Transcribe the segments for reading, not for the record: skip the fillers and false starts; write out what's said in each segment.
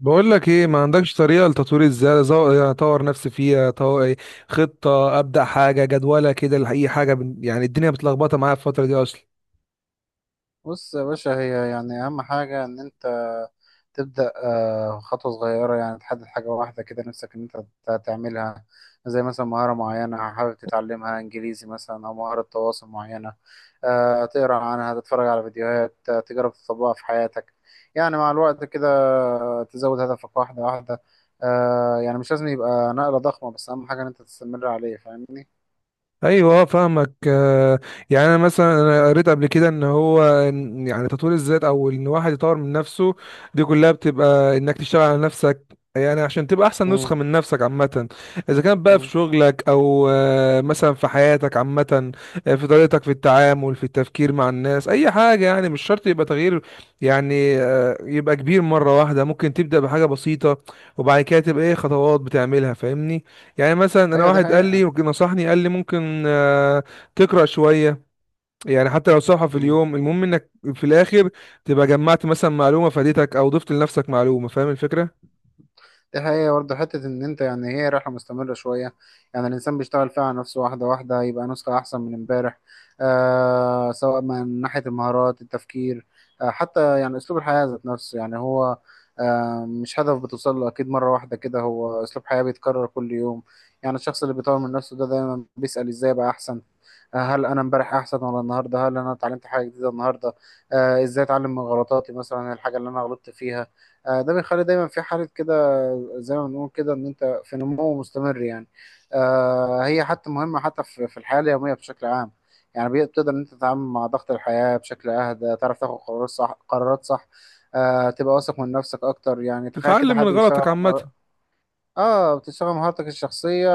بقول لك ايه؟ ما عندكش طريقه لتطوير ازاي؟ يعني اطور نفسي فيها إيه، خطه ابدا حاجه جدوله كده لاي حاجه يعني الدنيا متلخبطه معايا في الفتره دي اصلا. بص يا باشا، هي يعني أهم حاجة إن أنت تبدأ خطوة صغيرة يعني تحدد حاجة واحدة كده نفسك إن أنت تعملها. زي مثلا مهارة معينة حابب تتعلمها، إنجليزي مثلا أو مهارة تواصل معينة. تقرأ عنها، تتفرج على فيديوهات، تجرب تطبقها في حياتك يعني مع الوقت كده. تزود هدفك واحدة واحدة. يعني مش لازم يبقى نقلة ضخمة، بس أهم حاجة إن أنت تستمر عليه. فاهمني؟ ايوه، فاهمك. يعني انا مثلا قريت قبل كده ان هو، يعني تطوير الذات او ان واحد يطور من نفسه، دي كلها بتبقى انك تشتغل على نفسك، يعني عشان تبقى احسن نسخة مم. من نفسك عامة. اذا كان بقى في مم. شغلك او مثلا في حياتك عامة، في طريقتك في التعامل، في التفكير مع الناس، اي حاجة. يعني مش شرط يبقى تغيير، يعني يبقى كبير مرة واحدة، ممكن تبدأ بحاجة بسيطة وبعد كده تبقى ايه خطوات بتعملها، فاهمني؟ يعني مثلا انا أيوة دي واحد قال لي حقيقة. نصحني، قال لي ممكن تقرا شويه، يعني حتى لو صفحه في اليوم، المهم انك في الاخر تبقى جمعت مثلا معلومه فادتك او ضفت لنفسك معلومه. فاهم الفكره؟ دي حقيقة برضه، حتة إن أنت يعني هي رحلة مستمرة شوية، يعني الإنسان بيشتغل فيها على نفسه واحدة واحدة يبقى نسخة أحسن من إمبارح. آه، سواء من ناحية المهارات، التفكير، آه حتى يعني أسلوب الحياة ذات نفسه، يعني هو آه مش هدف بتوصل له أكيد مرة واحدة كده، هو أسلوب حياة بيتكرر كل يوم. يعني الشخص اللي بيطور من نفسه ده دايما بيسأل إزاي أبقى أحسن. هل انا امبارح احسن ولا النهارده؟ هل انا اتعلمت حاجه جديده النهارده؟ آه ازاي اتعلم من غلطاتي، مثلا الحاجه اللي انا غلطت فيها. آه ده بيخلي دايما في حاله كده، زي ما بنقول كده ان انت في نمو مستمر يعني. آه هي حتى مهمه حتى في الحياه اليوميه بشكل عام، يعني بتقدر ان انت تتعامل مع ضغط الحياه بشكل اهدى، تعرف تاخد قرارات صح، قرارات صح. آه تبقى واثق من نفسك اكتر، يعني تخيل كده تتعلم من حد بيشتغل غلطك عامه. اه بتشتغل مهارتك الشخصيه،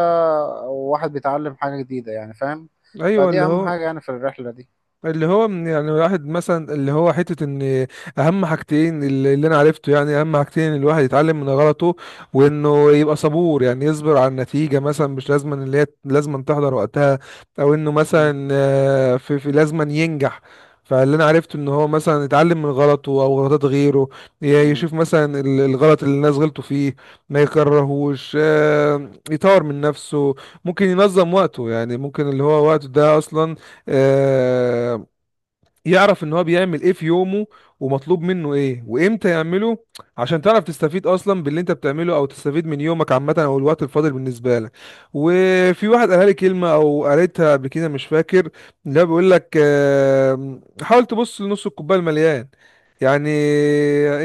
وواحد بيتعلم حاجه جديده يعني فاهم. ايوه، فدي اللي اهم هو، حاجه يعني في الرحله دي. اللي هو يعني الواحد مثلا اللي هو حتة ان، اهم حاجتين اللي انا عرفته، يعني اهم حاجتين: الواحد يتعلم من غلطه، وانه يبقى صبور، يعني يصبر على النتيجة، مثلا مش لازم ان اللي هي لازم تحضر وقتها، او انه مم. مثلا في لازم أن ينجح. فاللي انا عرفته ان هو مثلا يتعلم من غلطه او غلطات غيره، مم. يشوف مثلا الغلط اللي الناس غلطوا فيه ما يكرهوش، يطور من نفسه. ممكن ينظم وقته، يعني ممكن اللي هو وقته ده اصلا، آه، يعرف ان هو بيعمل ايه في يومه ومطلوب منه ايه وامتى يعمله، عشان تعرف تستفيد اصلا باللي انت بتعمله او تستفيد من يومك عامه او الوقت الفاضل بالنسبه لك. وفي واحد قالها لي كلمه، او قريتها قبل كده مش فاكر، لا بيقول لك حاول تبص لنص الكوبايه المليان. يعني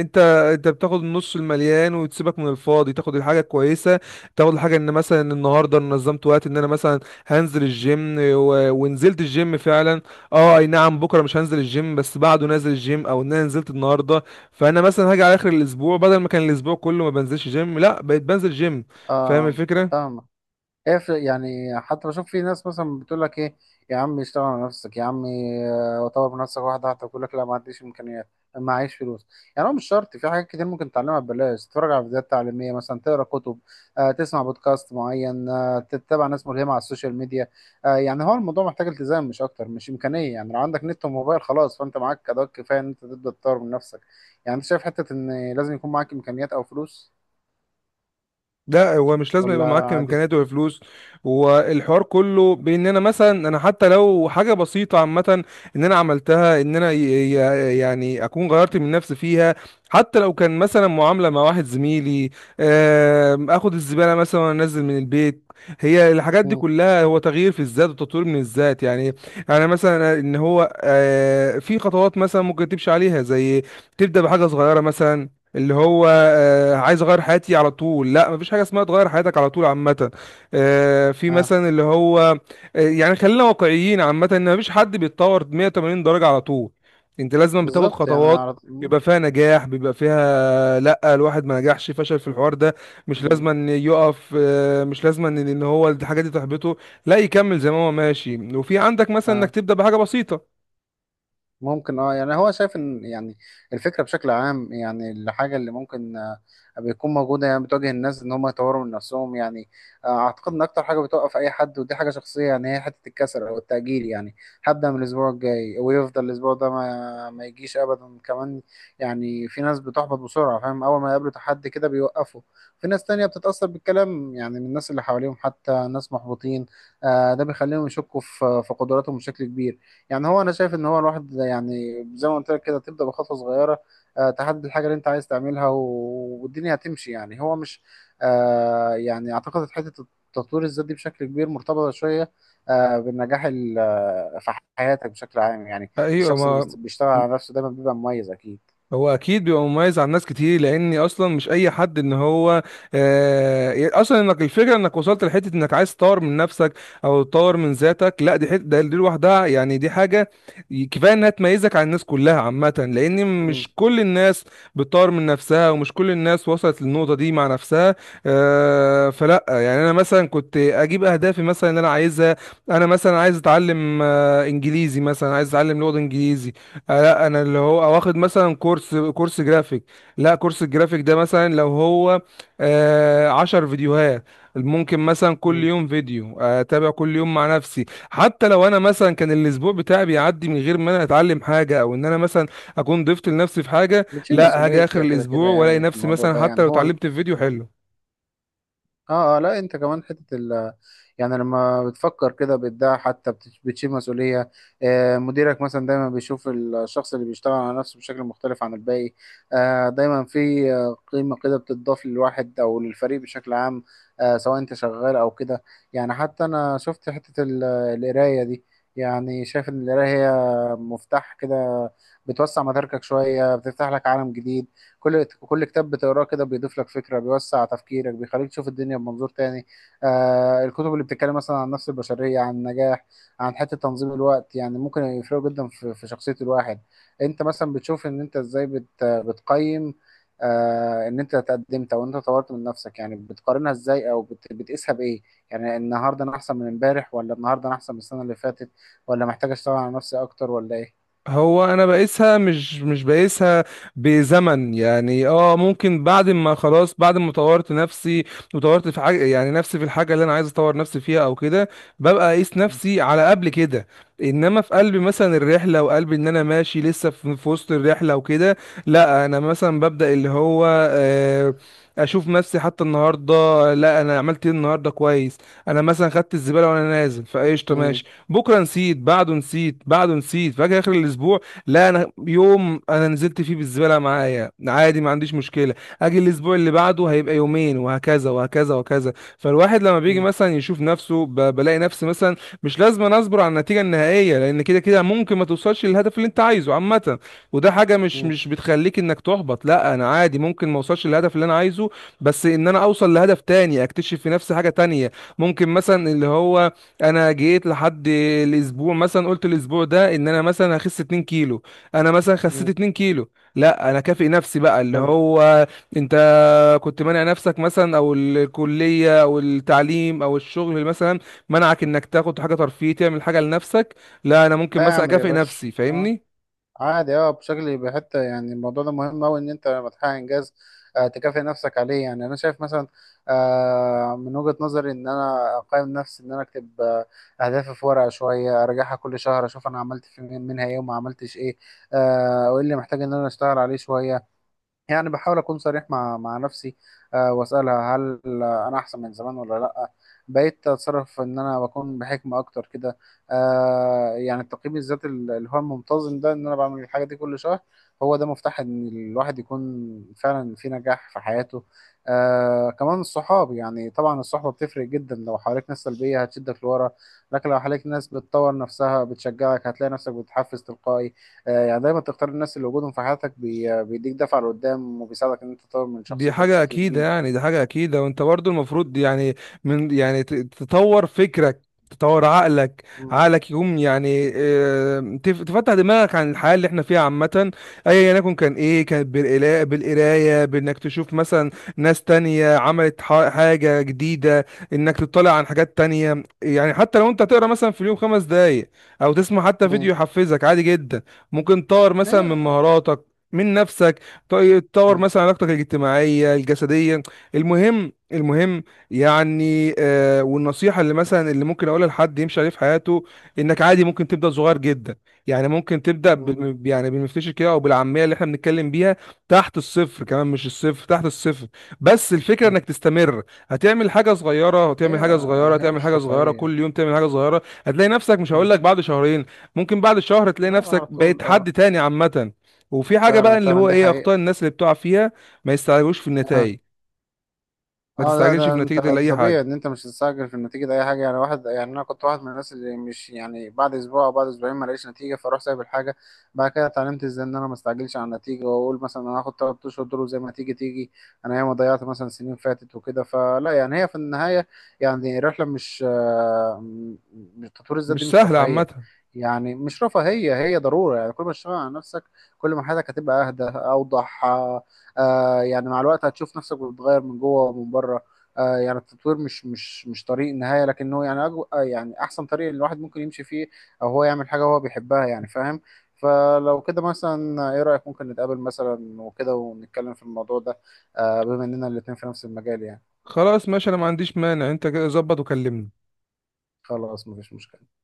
انت انت بتاخد النص المليان وتسيبك من الفاضي، تاخد الحاجه الكويسه، تاخد الحاجه ان مثلا النهارده أنا نظمت وقت، ان انا مثلا هنزل الجيم ونزلت الجيم فعلا. اه، اي نعم، بكره مش هنزل الجيم، بس بعده نازل الجيم، او ان انا نزلت النهارده. فانا مثلا هاجي على اخر الاسبوع، بدل ما كان الاسبوع كله ما بنزلش جيم، لا بقيت بنزل جيم. فاهم اه الفكره؟ فاهمك. ايه يعني حتى بشوف في ناس مثلا بتقول لك ايه يا عم، اشتغل على نفسك يا عم، طور من نفسك واحده واحده. بيقول لك لا، ما عنديش امكانيات، ما عايش فلوس. يعني هو مش شرط، في حاجات كتير ممكن تتعلمها ببلاش، تتفرج على فيديوهات تعليميه مثلا، تقرا كتب، تسمع بودكاست معين، تتابع ناس ملهمه على السوشيال ميديا. يعني هو الموضوع محتاج التزام مش اكتر، مش امكانيه، يعني لو عندك نت وموبايل خلاص فانت معاك ادوات كفايه ان انت تبدا تطور من نفسك. يعني انت شايف حته ان لازم يكون معاك امكانيات او فلوس لا، هو مش لازم ولا يبقى معاك عادي؟ امكانيات وفلوس. والحوار كله بان انا مثلا، انا حتى لو حاجه بسيطه عامه ان انا عملتها، ان انا يعني اكون غيرت من نفسي فيها، حتى لو كان مثلا معامله مع واحد زميلي، اخد الزباله مثلا وانزل من البيت. هي الحاجات دي مم. كلها هو تغيير في الذات وتطوير من الذات يعني. يعني مثلا ان هو في خطوات مثلا ممكن تمشي عليها، زي تبدا بحاجه صغيره مثلا. اللي هو عايز اغير حياتي على طول، لا مفيش حاجه اسمها تغير حياتك على طول عامه. آه، في آه. مثلا اللي هو آه، يعني خلينا واقعيين عامه، ان مفيش حد بيتطور 180 درجه على طول، انت لازم بتاخد بالظبط يعني خطوات، على مم. بيبقى فيها نجاح بيبقى فيها لا، الواحد ما نجحش، فشل في الحوار ده، مش مم. لازم ان يقف، مش لازم ان إن هو الحاجه دي تحبطه، لا يكمل زي ما هو ماشي، وفي عندك مثلا انك آه. تبدا بحاجه بسيطه. ممكن اه يعني هو شايف ان يعني الفكره بشكل عام، يعني الحاجه اللي ممكن بتكون موجوده يعني بتواجه الناس ان هم يطوروا من نفسهم يعني. اعتقد ان اكتر حاجه بتوقف اي حد ودي حاجه شخصيه يعني، هي حته الكسل او التاجيل، يعني هبدا من الاسبوع الجاي، ويفضل الاسبوع ده ما يجيش ابدا كمان. يعني في ناس بتحبط بسرعه، فاهم، اول ما يقابلوا تحدي كده بيوقفوا. في ناس تانية بتتاثر بالكلام، يعني من الناس اللي حواليهم حتى، ناس محبطين. ده بيخليهم يشكوا في قدراتهم بشكل كبير. يعني هو انا شايف ان هو الواحد يعني زي ما قلت لك كده، تبدا بخطوه صغيره، تحدد الحاجه اللي انت عايز تعملها، والدنيا هتمشي. يعني هو مش يعني اعتقد حته التطوير الذاتي بشكل كبير مرتبطه شويه، بالنجاح في حياتك بشكل عام يعني. ايوه، الشخص اللي ما بيشتغل على نفسه دايما بيبقى مميز اكيد. هو اكيد بيبقى مميز عن ناس كتير، لاني اصلا مش اي حد ان هو اصلا انك، الفكره انك وصلت لحته انك عايز تطور من نفسك او تطور من ذاتك، لا دي حته دي لوحدها يعني، دي حاجه كفايه انها تميزك عن الناس كلها عامه، لان مم. مش كل الناس بتطور من نفسها، ومش كل الناس وصلت للنقطه دي مع نفسها. فلا، يعني انا مثلا كنت اجيب اهدافي مثلا اللي انا عايزها. انا مثلا عايز اتعلم انجليزي مثلا، عايز اتعلم لغه انجليزي، لا انا اللي هو واخد مثلا كورس جرافيك. لا كورس الجرافيك ده مثلا لو هو 10 فيديوهات، ممكن مثلا كل مم. يوم فيديو، اتابع كل يوم مع نفسي. حتى لو انا مثلا كان الاسبوع بتاعي بيعدي من غير ما انا اتعلم حاجه او ان انا مثلا اكون ضفت لنفسي في حاجه، بتشيل لا مسؤوليه هاجي اخر كده كده الاسبوع والاقي يعني في نفسي الموضوع مثلا ده حتى يعني لو هو. اتعلمت في فيديو حلو. اه اه لا انت كمان حته ال يعني لما بتفكر كده بتدعي حتى بتشيل مسؤوليه. آه مديرك مثلا دايما بيشوف الشخص اللي بيشتغل على نفسه بشكل مختلف عن الباقي. آه دايما في قيمه كده بتضاف للواحد او للفريق بشكل عام. آه سواء انت شغال او كده. يعني حتى انا شفت حته القرايه دي، يعني شايف ان القرايه هي مفتاح كده، بتوسع مداركك شويه، بتفتح لك عالم جديد. كل كل كتاب بتقراه كده بيضيف لك فكرة، بيوسع تفكيرك، بيخليك تشوف الدنيا بمنظور تاني. آه الكتب اللي بتتكلم مثلا عن النفس البشرية، عن النجاح، عن حتة تنظيم الوقت، يعني ممكن يفرقوا جدا في شخصية الواحد. انت مثلا بتشوف ان انت ازاي بتقيم، آه ان انت تقدمت او انت طورت من نفسك يعني، بتقارنها ازاي او بتقيسها بايه؟ يعني النهارده انا احسن من امبارح، ولا النهارده انا احسن من السنة اللي فاتت؟ ولا محتاج اشتغل على نفسي اكتر ولا ايه؟ هو انا بقيسها، مش بقيسها بزمن. يعني اه، ممكن بعد ما خلاص بعد ما طورت نفسي وطورت في حاجه، يعني نفسي في الحاجه اللي انا عايز اطور نفسي فيها او كده، ببقى اقيس نفسي على قبل كده. انما في قلب مثلا الرحله، وقلب ان انا ماشي لسه في وسط الرحله وكده، لا انا مثلا ببدا اللي هو، آه، اشوف نفسي حتى النهارده، لا انا عملت ايه النهارده كويس، انا مثلا خدت الزباله وانا نازل فايش. مم. بكره نسيت، بعده نسيت، بعده نسيت، فاجي اخر الاسبوع، لا انا يوم انا نزلت فيه بالزباله معايا عادي، ما عنديش مشكله. اجي الاسبوع اللي بعده هيبقى يومين، وهكذا وهكذا وهكذا. فالواحد لما بيجي مم. مثلا يشوف نفسه، بلاقي نفسي مثلا مش لازم أنا اصبر على النتيجه النهائيه، لان كده كده ممكن ما توصلش للهدف اللي انت عايزه عامه. وده حاجه مش مم. مش بتخليك انك تحبط، لا انا عادي، ممكن ما اوصلش للهدف اللي انا عايزه، بس ان انا اوصل لهدف تاني، اكتشف في نفسي حاجه تانية. ممكن مثلا اللي هو انا جيت لحد الاسبوع مثلا قلت الاسبوع ده ان انا مثلا هخس 2 كيلو، انا مثلا خسيت مم. 2 كيلو، لا انا كافئ نفسي بقى اللي هو، انت كنت مانع نفسك مثلا، او الكليه او التعليم او الشغل مثلا منعك انك تاخد حاجه ترفيهيه تعمل حاجه لنفسك، لا انا ممكن لا مثلا اعمل يا اكافئ باشا نفسي. اه. فاهمني؟ عادي اه بشكل بحته، يعني الموضوع ده مهم قوي ان انت لما تحقق انجاز آه تكافئ نفسك عليه. يعني انا شايف مثلا آه من وجهة نظري ان انا اقيم نفسي، ان انا اكتب آه اهدافي في ورقه شويه، اراجعها كل شهر، اشوف انا عملت في منها ايه وما عملتش ايه. آه وايه اللي محتاج ان انا اشتغل عليه شويه. يعني بحاول اكون صريح مع نفسي. أه واسالها هل انا احسن من زمان ولا لا؟ بقيت اتصرف ان انا بكون بحكمه اكتر كده. أه يعني التقييم الذاتي اللي هو المنتظم ده، ان انا بعمل الحاجه دي كل شهر، هو ده مفتاح ان الواحد يكون فعلا في نجاح في حياته. أه كمان الصحاب، يعني طبعا الصحبه بتفرق جدا، لو حواليك ناس سلبيه هتشدك لورا، لكن لو حواليك ناس بتطور نفسها بتشجعك هتلاقي نفسك بتتحفز تلقائي. يعني دايما تختار الناس اللي وجودهم في حياتك بيديك دفعة لقدام، وبيساعدك إن أنت تطور من دي شخصيتك حاجة بشكل أكيدة، كبير. يعني دي حاجة أكيدة، وأنت برضو المفروض يعني من، يعني تطور فكرك، تطور عقلك، مم. عقلك يقوم يعني تفتح دماغك عن الحياة اللي احنا فيها عامة، أيا يكن، كان إيه؟ كانت بالقراية، بإنك تشوف مثلا ناس تانية عملت حاجة جديدة، إنك تطلع عن حاجات تانية. يعني حتى لو أنت تقرا مثلا في اليوم 5 دقايق، أو تسمع حتى فيديو مم. يحفزك، عادي جدا. ممكن تطور مثلا هي من مهاراتك، من نفسك. طيب تطور مم. مثلا علاقتك الاجتماعيه، الجسديه، المهم المهم. يعني والنصيحه اللي مثلا اللي ممكن اقولها لحد يمشي عليه في حياته، انك عادي ممكن تبدا صغير جدا. يعني ممكن تبدا مم. يعني بالمفتشر كده، او بالعاميه اللي احنا بنتكلم بيها، تحت الصفر كمان، مش الصفر، تحت الصفر، بس الفكره مم. انك تستمر. هتعمل حاجه صغيره، هي هتعمل حاجه صغيره، هي هتعمل مش حاجه صغيره، رفاهية. كل يوم تعمل حاجه صغيره، هتلاقي نفسك، مش مم. هقول لك بعد شهرين، ممكن بعد شهر تلاقي لا نفسك على طول بقيت اه. حد تاني عامه. وفي حاجه بقى فعلا اللي فعلا هو دي ايه؟ اخطاء حقيقة. الناس اللي بتقع فيها: ما يستعجلوش في آه. النتائج، ما اه لا تستعجلش ده في انت نتيجه ده لاي طبيعي حاجه، ان انت مش هتستعجل في النتيجه، ده اي حاجه يعني، واحد يعني انا كنت واحد من الناس اللي مش يعني بعد اسبوع او بعد اسبوعين ما لقيتش نتيجه فاروح سايب الحاجه. بعد كده اتعلمت ازاي ان انا ما استعجلش على النتيجه، واقول مثلا انا هاخد 3 اشهر دول وزي ما تيجي تيجي. انا ياما ضيعت مثلا سنين فاتت وكده، فلا يعني هي في النهايه يعني رحله، مش آه، م- م- تطوير الذات دي مش مش سهله رفاهيه. عامه. يعني مش رفاهيه، هي ضروره، يعني كل ما تشتغل على نفسك كل ما حياتك هتبقى اهدى اوضح، آه يعني مع الوقت هتشوف نفسك بتتغير من جوه ومن بره. آه يعني التطوير مش طريق نهاية، لكنه يعني أجو آه يعني أحسن طريق اللي الواحد ممكن يمشي فيه، أو هو يعمل حاجة هو بيحبها يعني فاهم. فلو كده مثلا إيه رأيك ممكن نتقابل مثلا وكده ونتكلم في الموضوع ده، آه بما إننا الاتنين في نفس المجال يعني. خلاص، ماشي، انا ما عنديش مانع. انت كده ظبط وكلمني. خلاص مفيش مشكلة.